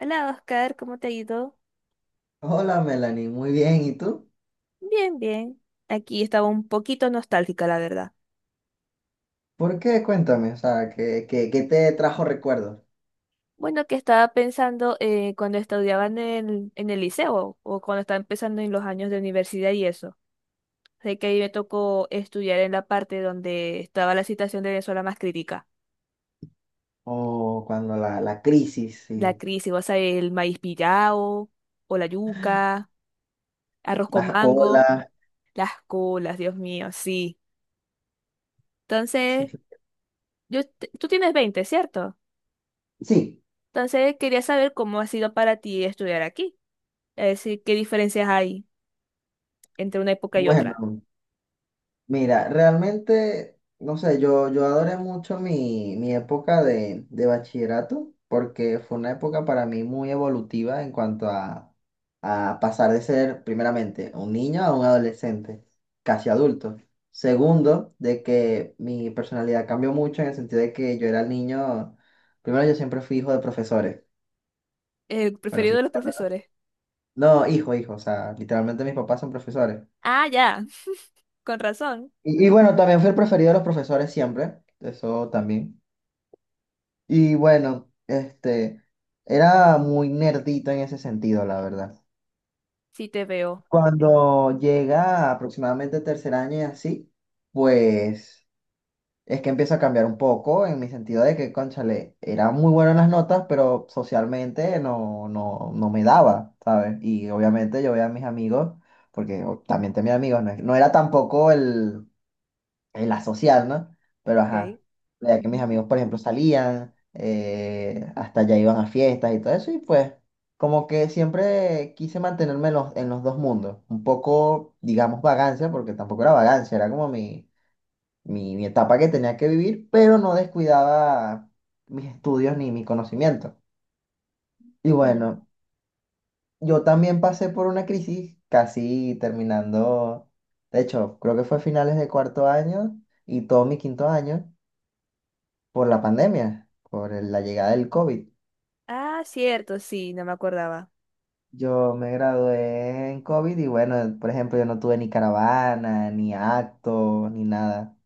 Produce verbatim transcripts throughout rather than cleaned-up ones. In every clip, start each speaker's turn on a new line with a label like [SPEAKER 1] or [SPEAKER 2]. [SPEAKER 1] Hola Oscar, ¿cómo te ha ido?
[SPEAKER 2] Hola Melanie, muy bien. ¿Y tú?
[SPEAKER 1] Bien, bien. Aquí estaba un poquito nostálgica, la verdad.
[SPEAKER 2] ¿Por qué? Cuéntame, o sea, ¿qué, qué- qué te trajo recuerdos?
[SPEAKER 1] Bueno, que estaba pensando eh, cuando estudiaba en el, en el liceo o cuando estaba empezando en los años de universidad y eso. Sé que ahí me tocó estudiar en la parte donde estaba la situación de Venezuela más crítica.
[SPEAKER 2] O cuando la, la crisis,
[SPEAKER 1] La
[SPEAKER 2] sí,
[SPEAKER 1] crisis, o sea, el maíz pillao, o la yuca, arroz con
[SPEAKER 2] las
[SPEAKER 1] mango,
[SPEAKER 2] colas.
[SPEAKER 1] las colas, Dios mío, sí.
[SPEAKER 2] Sí,
[SPEAKER 1] Entonces, yo, te- tú tienes veinte, ¿cierto?
[SPEAKER 2] sí,
[SPEAKER 1] Entonces, quería saber cómo ha sido para ti estudiar aquí. Es decir, qué diferencias hay entre una época y otra.
[SPEAKER 2] bueno. Mira, realmente, no sé, yo, yo adoré mucho mi, mi época de, de bachillerato porque fue una época para mí muy evolutiva en cuanto a, a pasar de ser, primeramente, un niño a un adolescente, casi adulto. Segundo, de que mi personalidad cambió mucho en el sentido de que yo era el niño, primero yo siempre fui hijo de profesores.
[SPEAKER 1] El
[SPEAKER 2] Bueno,
[SPEAKER 1] preferido de
[SPEAKER 2] sigo
[SPEAKER 1] los
[SPEAKER 2] siendo,
[SPEAKER 1] profesores.
[SPEAKER 2] ¿no? No, hijo, hijo, o sea, literalmente mis papás son profesores.
[SPEAKER 1] Ah, ya, con razón.
[SPEAKER 2] Y, y bueno, también fui el preferido de los profesores siempre, eso también. Y bueno, este, era muy nerdito en ese sentido, la verdad.
[SPEAKER 1] Sí te veo.
[SPEAKER 2] Cuando llega aproximadamente tercer año y así, pues es que empieza a cambiar un poco en mi sentido de que, cónchale, era muy bueno en las notas, pero socialmente no, no, no me daba, ¿sabes? Y obviamente yo veía a mis amigos, porque o- también tenía amigos, no, es- no era tampoco el, en la social, ¿no? Pero
[SPEAKER 1] Ok.
[SPEAKER 2] ajá, la que mis
[SPEAKER 1] Ujú.
[SPEAKER 2] amigos, por ejemplo, salían, eh, hasta allá iban a fiestas y todo eso, y pues como que siempre quise mantenerme en los, en los dos mundos, un poco, digamos, vagancia, porque tampoco era vagancia, era como mi, mi, mi etapa que tenía que vivir, pero no descuidaba mis estudios ni mi conocimiento. Y
[SPEAKER 1] Mm.
[SPEAKER 2] bueno, yo también pasé por una crisis casi terminando, de hecho, creo que fue a finales de cuarto año y todo mi quinto año por la pandemia, por el- la llegada del COVID.
[SPEAKER 1] Ah, cierto, sí, no me acordaba.
[SPEAKER 2] Yo me gradué en COVID y bueno, por ejemplo, yo no tuve ni caravana, ni acto, ni nada.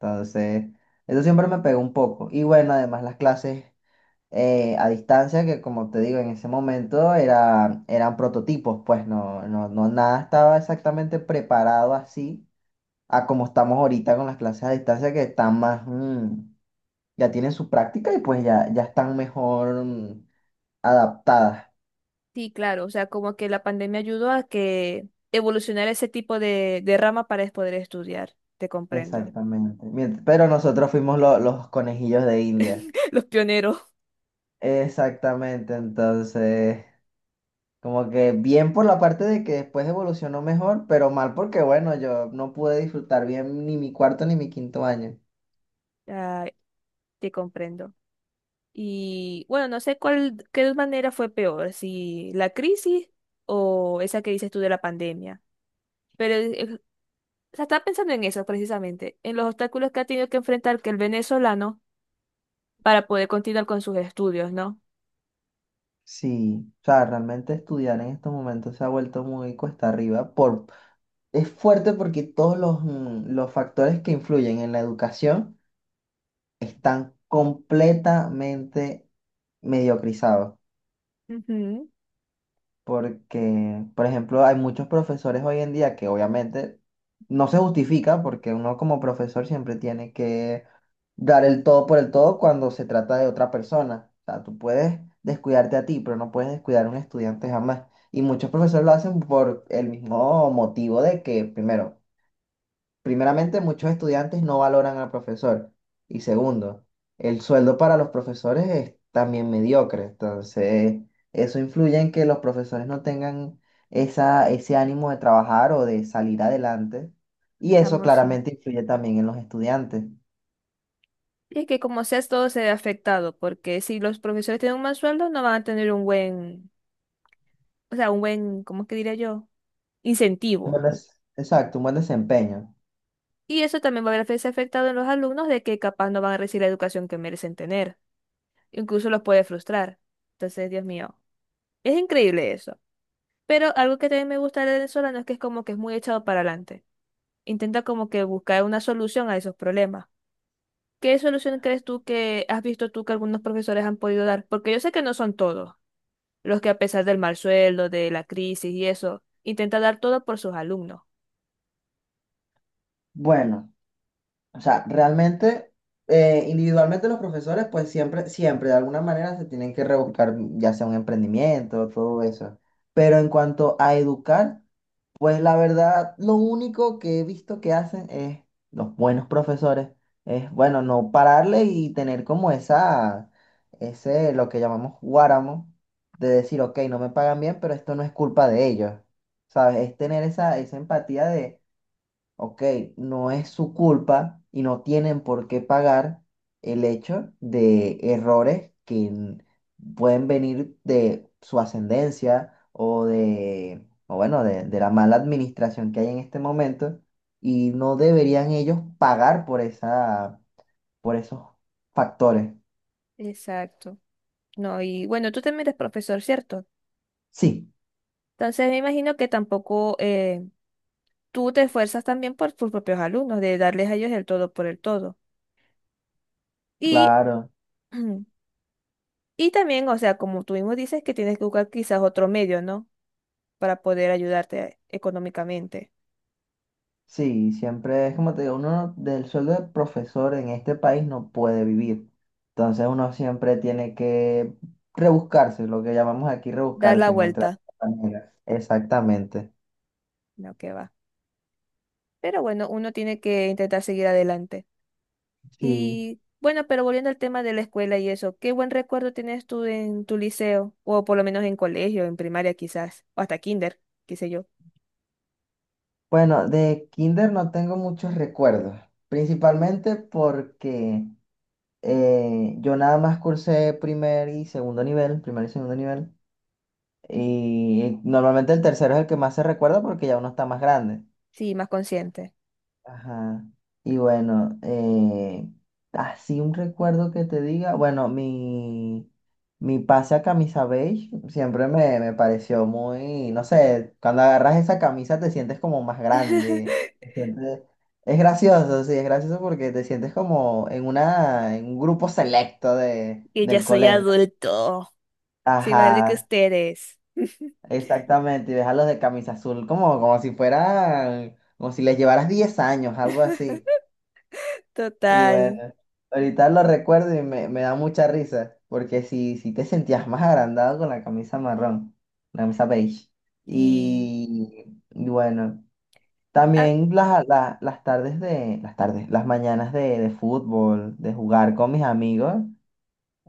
[SPEAKER 2] Entonces, eso siempre me pegó un poco. Y bueno, además las clases eh, a distancia, que como te digo, en ese momento era, eran prototipos, pues no, no, no, nada estaba exactamente preparado así a como estamos ahorita con las clases a distancia, que están más, mm, ya tienen su práctica y pues ya, ya están mejor mm, adaptadas.
[SPEAKER 1] Sí, claro, o sea, como que la pandemia ayudó a que evolucionara ese tipo de, de rama para es poder estudiar. Te comprendo.
[SPEAKER 2] Exactamente. Mient- Pero nosotros fuimos lo- los conejillos de India.
[SPEAKER 1] Los pioneros.
[SPEAKER 2] Exactamente, entonces, como que bien por la parte de que después evolucionó mejor, pero mal porque, bueno, yo no pude disfrutar bien ni mi cuarto ni mi quinto año.
[SPEAKER 1] Ay, te comprendo. Y bueno, no sé cuál, qué manera fue peor, si la crisis o esa que dices tú de la pandemia. Pero eh, o sea, estaba pensando en eso precisamente, en los obstáculos que ha tenido que enfrentar que el venezolano para poder continuar con sus estudios, ¿no?
[SPEAKER 2] Sí, o sea, realmente estudiar en estos momentos se ha vuelto muy cuesta arriba. Por... Es fuerte porque todos los, mm, los factores que influyen en la educación están completamente mediocrizados.
[SPEAKER 1] Ujú,
[SPEAKER 2] Porque, por ejemplo, hay muchos profesores hoy en día que obviamente no se justifica porque uno como profesor siempre tiene que dar el todo por el todo cuando se trata de otra persona. O sea, tú puedes descuidarte a ti, pero no puedes descuidar a un estudiante jamás. Y muchos profesores lo hacen por el mismo motivo de que, primero, primeramente, muchos estudiantes no valoran al profesor. Y segundo, el sueldo para los profesores es también mediocre. Entonces, eso influye en que los profesores no tengan esa, ese ánimo de trabajar o de salir adelante. Y eso
[SPEAKER 1] chamo, sí.
[SPEAKER 2] claramente influye también en los estudiantes. Un
[SPEAKER 1] Y es que como sea, todo se ve afectado, porque si los profesores tienen un mal sueldo, no van a tener un buen, o sea, un buen, ¿cómo es que diría yo? Incentivo.
[SPEAKER 2] buen des- exacto, un buen desempeño.
[SPEAKER 1] Y eso también va a verse afectado en los alumnos de que capaz no van a recibir la educación que merecen tener. Incluso los puede frustrar. Entonces, Dios mío, es increíble eso. Pero algo que también me gusta de venezolano es que es como que es muy echado para adelante. Intenta como que buscar una solución a esos problemas. ¿Qué solución crees tú que has visto tú que algunos profesores han podido dar? Porque yo sé que no son todos los que a pesar del mal sueldo, de la crisis y eso, intenta dar todo por sus alumnos.
[SPEAKER 2] Bueno. O sea, realmente, eh, individualmente los profesores, pues siempre, siempre, de alguna manera se tienen que rebuscar, ya sea un emprendimiento, todo eso. Pero en cuanto a educar, pues la verdad, lo único que he visto que hacen es, los buenos profesores, es, bueno, no pararle y tener como esa, ese, lo que llamamos guáramo, de decir, ok, no me pagan bien, pero esto no es culpa de ellos. ¿Sabes? Es tener esa, esa empatía, ok, no es su culpa y no tienen por qué pagar el hecho de errores que n- pueden venir de su ascendencia o de, o bueno, de, de la mala administración que hay en este momento y no deberían ellos pagar por esa, por esos factores.
[SPEAKER 1] Exacto. No, y bueno, tú también eres profesor, ¿cierto?
[SPEAKER 2] Sí,
[SPEAKER 1] Entonces me imagino que tampoco eh, tú te esfuerzas también por tus propios alumnos, de darles a ellos el todo por el todo. Y,
[SPEAKER 2] claro.
[SPEAKER 1] y también, o sea, como tú mismo dices, que tienes que buscar quizás otro medio, ¿no? Para poder ayudarte económicamente,
[SPEAKER 2] Sí, siempre es como te digo, uno no- del sueldo de profesor en este país no puede vivir. Entonces uno siempre tiene que rebuscarse, lo que llamamos aquí
[SPEAKER 1] dar la
[SPEAKER 2] rebuscarse, encontrar
[SPEAKER 1] vuelta,
[SPEAKER 2] la manera. Exactamente.
[SPEAKER 1] no que va. Pero bueno, uno tiene que intentar seguir adelante.
[SPEAKER 2] Sí.
[SPEAKER 1] Y bueno, pero volviendo al tema de la escuela y eso, ¿qué buen recuerdo tienes tú en tu liceo? O por lo menos en colegio, en primaria quizás, o hasta kinder, qué sé yo.
[SPEAKER 2] Bueno, de kinder no tengo muchos recuerdos, principalmente porque eh, yo nada más cursé primer y segundo nivel, primer y segundo nivel, y normalmente el tercero es el que más se recuerda porque ya uno está más grande.
[SPEAKER 1] Sí, más consciente.
[SPEAKER 2] Ajá. Y bueno, eh, así un recuerdo que te diga, bueno, mi, mi pase a camisa beige siempre me, me pareció muy, no sé, cuando agarras esa camisa te sientes como más grande. te sientes- Es gracioso, sí, es gracioso porque te sientes como en una, en un grupo selecto de,
[SPEAKER 1] Que ya
[SPEAKER 2] del
[SPEAKER 1] soy
[SPEAKER 2] colegio.
[SPEAKER 1] adulto. Sí, más grande que
[SPEAKER 2] Ajá,
[SPEAKER 1] ustedes.
[SPEAKER 2] exactamente. Y ves a los de camisa azul como, como si fueran, como si les llevaras diez años, algo así. Y bueno,
[SPEAKER 1] Total.
[SPEAKER 2] ahorita lo recuerdo y me, me da mucha risa, porque si, si te sentías más agrandado con la camisa marrón, la camisa beige.
[SPEAKER 1] Y
[SPEAKER 2] Y, y bueno,
[SPEAKER 1] Ah,
[SPEAKER 2] también las, las, las tardes de, las tardes, las mañanas de, de fútbol, de jugar con mis amigos,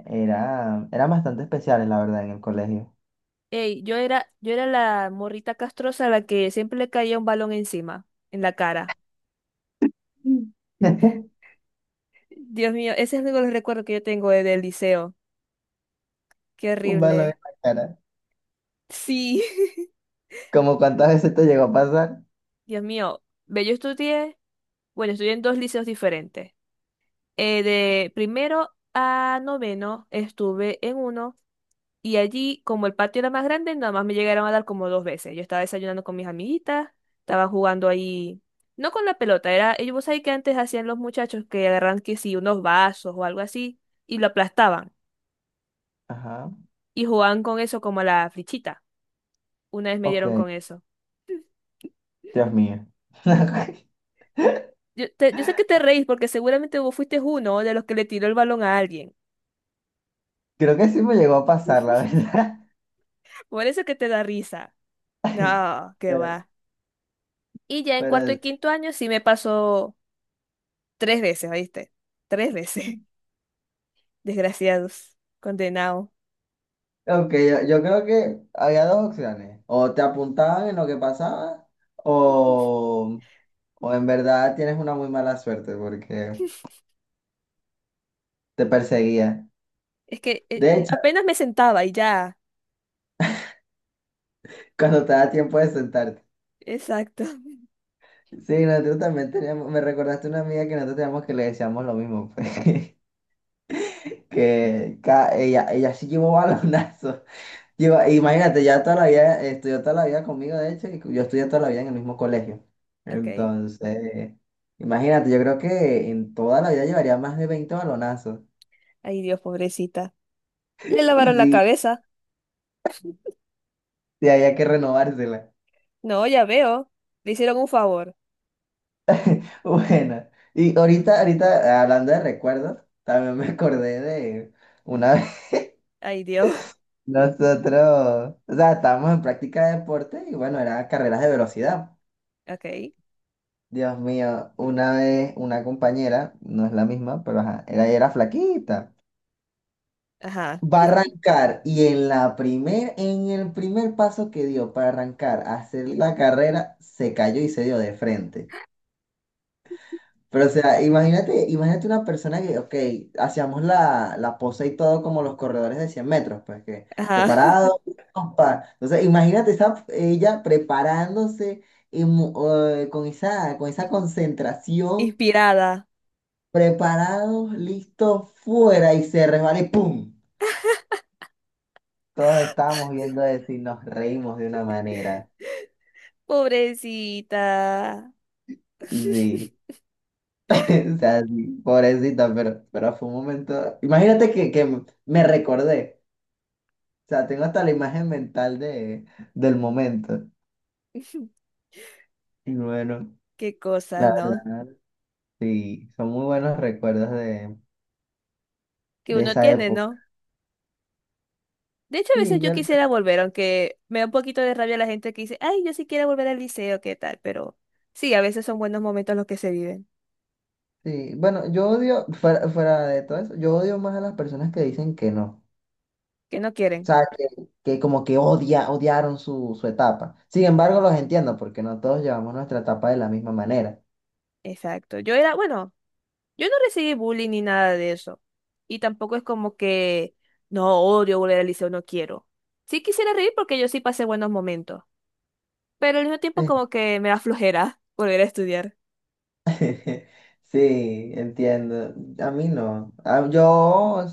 [SPEAKER 2] era, eran bastante especiales, la verdad, en el colegio.
[SPEAKER 1] ey, yo era, yo era la morrita castrosa a la que siempre le caía un balón encima, en la cara.
[SPEAKER 2] Mm.
[SPEAKER 1] Dios mío, ese es uno de los recuerdos que yo tengo de- del liceo. Qué
[SPEAKER 2] Un balón en
[SPEAKER 1] horrible.
[SPEAKER 2] la cara.
[SPEAKER 1] Sí.
[SPEAKER 2] Como cuántas veces te llegó a pasar.
[SPEAKER 1] Dios mío, ve, yo estudié, bueno, estudié en dos liceos diferentes. Eh, de primero a noveno estuve en uno. Y allí, como el patio era más grande, nada más me llegaron a dar como dos veces. Yo estaba desayunando con mis amiguitas, estaba jugando ahí, no con la pelota, era, ellos vos sabés que antes hacían los muchachos que agarran que sí, unos vasos o algo así, y lo aplastaban,
[SPEAKER 2] Ajá,
[SPEAKER 1] y jugaban con eso como a la flichita. Una vez me
[SPEAKER 2] ok,
[SPEAKER 1] dieron con eso.
[SPEAKER 2] Dios mío.
[SPEAKER 1] Yo, te- yo sé que te reís porque seguramente vos fuiste uno de los que le tiró el balón a alguien.
[SPEAKER 2] Creo que sí me llegó a pasar, la verdad.
[SPEAKER 1] Por eso que te da risa. No, qué
[SPEAKER 2] Pero,
[SPEAKER 1] va. Y ya en cuarto
[SPEAKER 2] pero,
[SPEAKER 1] y
[SPEAKER 2] sí.
[SPEAKER 1] quinto año sí me pasó tres veces, ¿oíste? Tres veces. Desgraciados, condenados.
[SPEAKER 2] Ok, yo, yo creo que había dos opciones. O te apuntaban en lo que pasaba, o, o en verdad tienes una muy mala suerte porque te perseguía.
[SPEAKER 1] Es que eh,
[SPEAKER 2] De hecho,
[SPEAKER 1] apenas me sentaba y ya.
[SPEAKER 2] cuando te da tiempo de sentarte.
[SPEAKER 1] Exacto.
[SPEAKER 2] Sí, nosotros también teníamos, me recordaste una amiga que nosotros teníamos que le decíamos lo mismo, pues, que ca- ella, ella sí llevó balonazos. Y va- Imagínate, ya toda la vida, estudió toda la vida conmigo, de hecho, y yo estudié toda la vida en el mismo colegio.
[SPEAKER 1] Ok.
[SPEAKER 2] Entonces, imagínate, yo creo que en toda la vida llevaría más de veinte balonazos.
[SPEAKER 1] Ay, Dios, pobrecita. Le lavaron la
[SPEAKER 2] Sí,
[SPEAKER 1] cabeza.
[SPEAKER 2] sí, había que renovársela.
[SPEAKER 1] No, ya veo. Le hicieron un favor.
[SPEAKER 2] Bueno, y ahorita, ahorita, hablando de recuerdos, también me acordé de una vez
[SPEAKER 1] Ay, Dios.
[SPEAKER 2] nosotros, o sea, estábamos en práctica de deporte y bueno, eran carreras de velocidad.
[SPEAKER 1] Ok.
[SPEAKER 2] Dios mío, una vez una compañera, no es la misma, pero ajá, era, era flaquita.
[SPEAKER 1] Ajá.
[SPEAKER 2] Va a arrancar y en la primer, en el primer paso que dio para arrancar a hacer la carrera, se cayó y se dio de frente. Pero o sea, imagínate, imagínate una persona que, ok, hacíamos la, la pose y todo como los corredores de cien metros, pues que
[SPEAKER 1] Ajá.
[SPEAKER 2] preparado, pa. Entonces, imagínate esa, ella preparándose y mu- eh, con esa, con esa concentración,
[SPEAKER 1] Inspirada.
[SPEAKER 2] preparados, listos, fuera y se resbala y ¡pum! Todos estábamos viendo eso y nos reímos de una manera.
[SPEAKER 1] Pobrecita.
[SPEAKER 2] Sí, o sea, sí, pobrecita, pero, pero fue un momento. Imagínate que, que me recordé. O sea, tengo hasta la imagen mental de, del momento. Y bueno,
[SPEAKER 1] Qué cosas,
[SPEAKER 2] la
[SPEAKER 1] ¿no?
[SPEAKER 2] verdad, sí, son muy buenos recuerdos de,
[SPEAKER 1] Que
[SPEAKER 2] de
[SPEAKER 1] uno
[SPEAKER 2] esa
[SPEAKER 1] tiene,
[SPEAKER 2] época.
[SPEAKER 1] ¿no? De hecho, a veces
[SPEAKER 2] Sí,
[SPEAKER 1] yo
[SPEAKER 2] yo,
[SPEAKER 1] quisiera volver, aunque me da un poquito de rabia la gente que dice, ay, yo sí quiero volver al liceo, ¿qué tal? Pero sí, a veces son buenos momentos los que se viven,
[SPEAKER 2] sí. Bueno, yo odio, fuera, fuera de todo eso, yo odio más a las personas que dicen que no.
[SPEAKER 1] que no quieren.
[SPEAKER 2] Sea, que, que como que odia, odiaron su, su etapa. Sin embargo, los entiendo porque no todos llevamos nuestra etapa de la misma manera.
[SPEAKER 1] Exacto. Yo era, bueno, yo no recibí bullying ni nada de eso. Y tampoco es como que, no, odio volver al liceo, no quiero. Sí quisiera reír porque yo sí pasé buenos momentos, pero al mismo tiempo como que me da flojera volver a estudiar.
[SPEAKER 2] Sí, entiendo. A mí no. Ah, Yo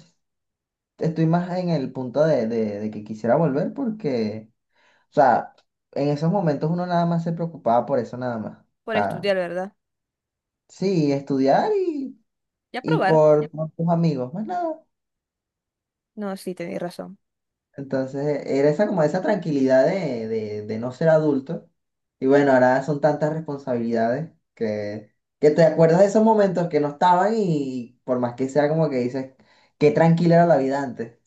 [SPEAKER 2] estoy más en el punto de, de- de que quisiera volver porque, o sea, en esos momentos uno nada más se preocupaba por eso nada más. O
[SPEAKER 1] Por
[SPEAKER 2] sea,
[SPEAKER 1] estudiar, ¿verdad?
[SPEAKER 2] sí, estudiar y,
[SPEAKER 1] Y a
[SPEAKER 2] y
[SPEAKER 1] probar.
[SPEAKER 2] por, por tus amigos, más nada.
[SPEAKER 1] No, sí, tenéis razón.
[SPEAKER 2] Entonces, era esa como esa tranquilidad de, de, de no ser adulto. Y bueno, ahora son tantas responsabilidades que, que te acuerdas de esos momentos que no estaban y por más que sea como que dices, qué tranquila era la vida antes.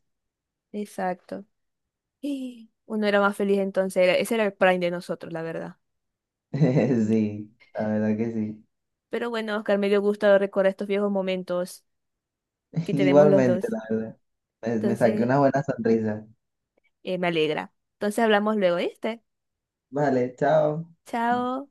[SPEAKER 1] Exacto. Y uno era más feliz entonces, era- ese era el prime de nosotros, la verdad. Mm.
[SPEAKER 2] Sí, la verdad que sí.
[SPEAKER 1] Pero bueno, Oscar, me dio gusto recordar estos viejos momentos que tenemos los
[SPEAKER 2] Igualmente,
[SPEAKER 1] dos.
[SPEAKER 2] la verdad. Me, me saqué
[SPEAKER 1] Entonces,
[SPEAKER 2] una buena sonrisa.
[SPEAKER 1] eh, me alegra. Entonces hablamos luego, ¿viste?
[SPEAKER 2] Vale, chao.
[SPEAKER 1] Chao.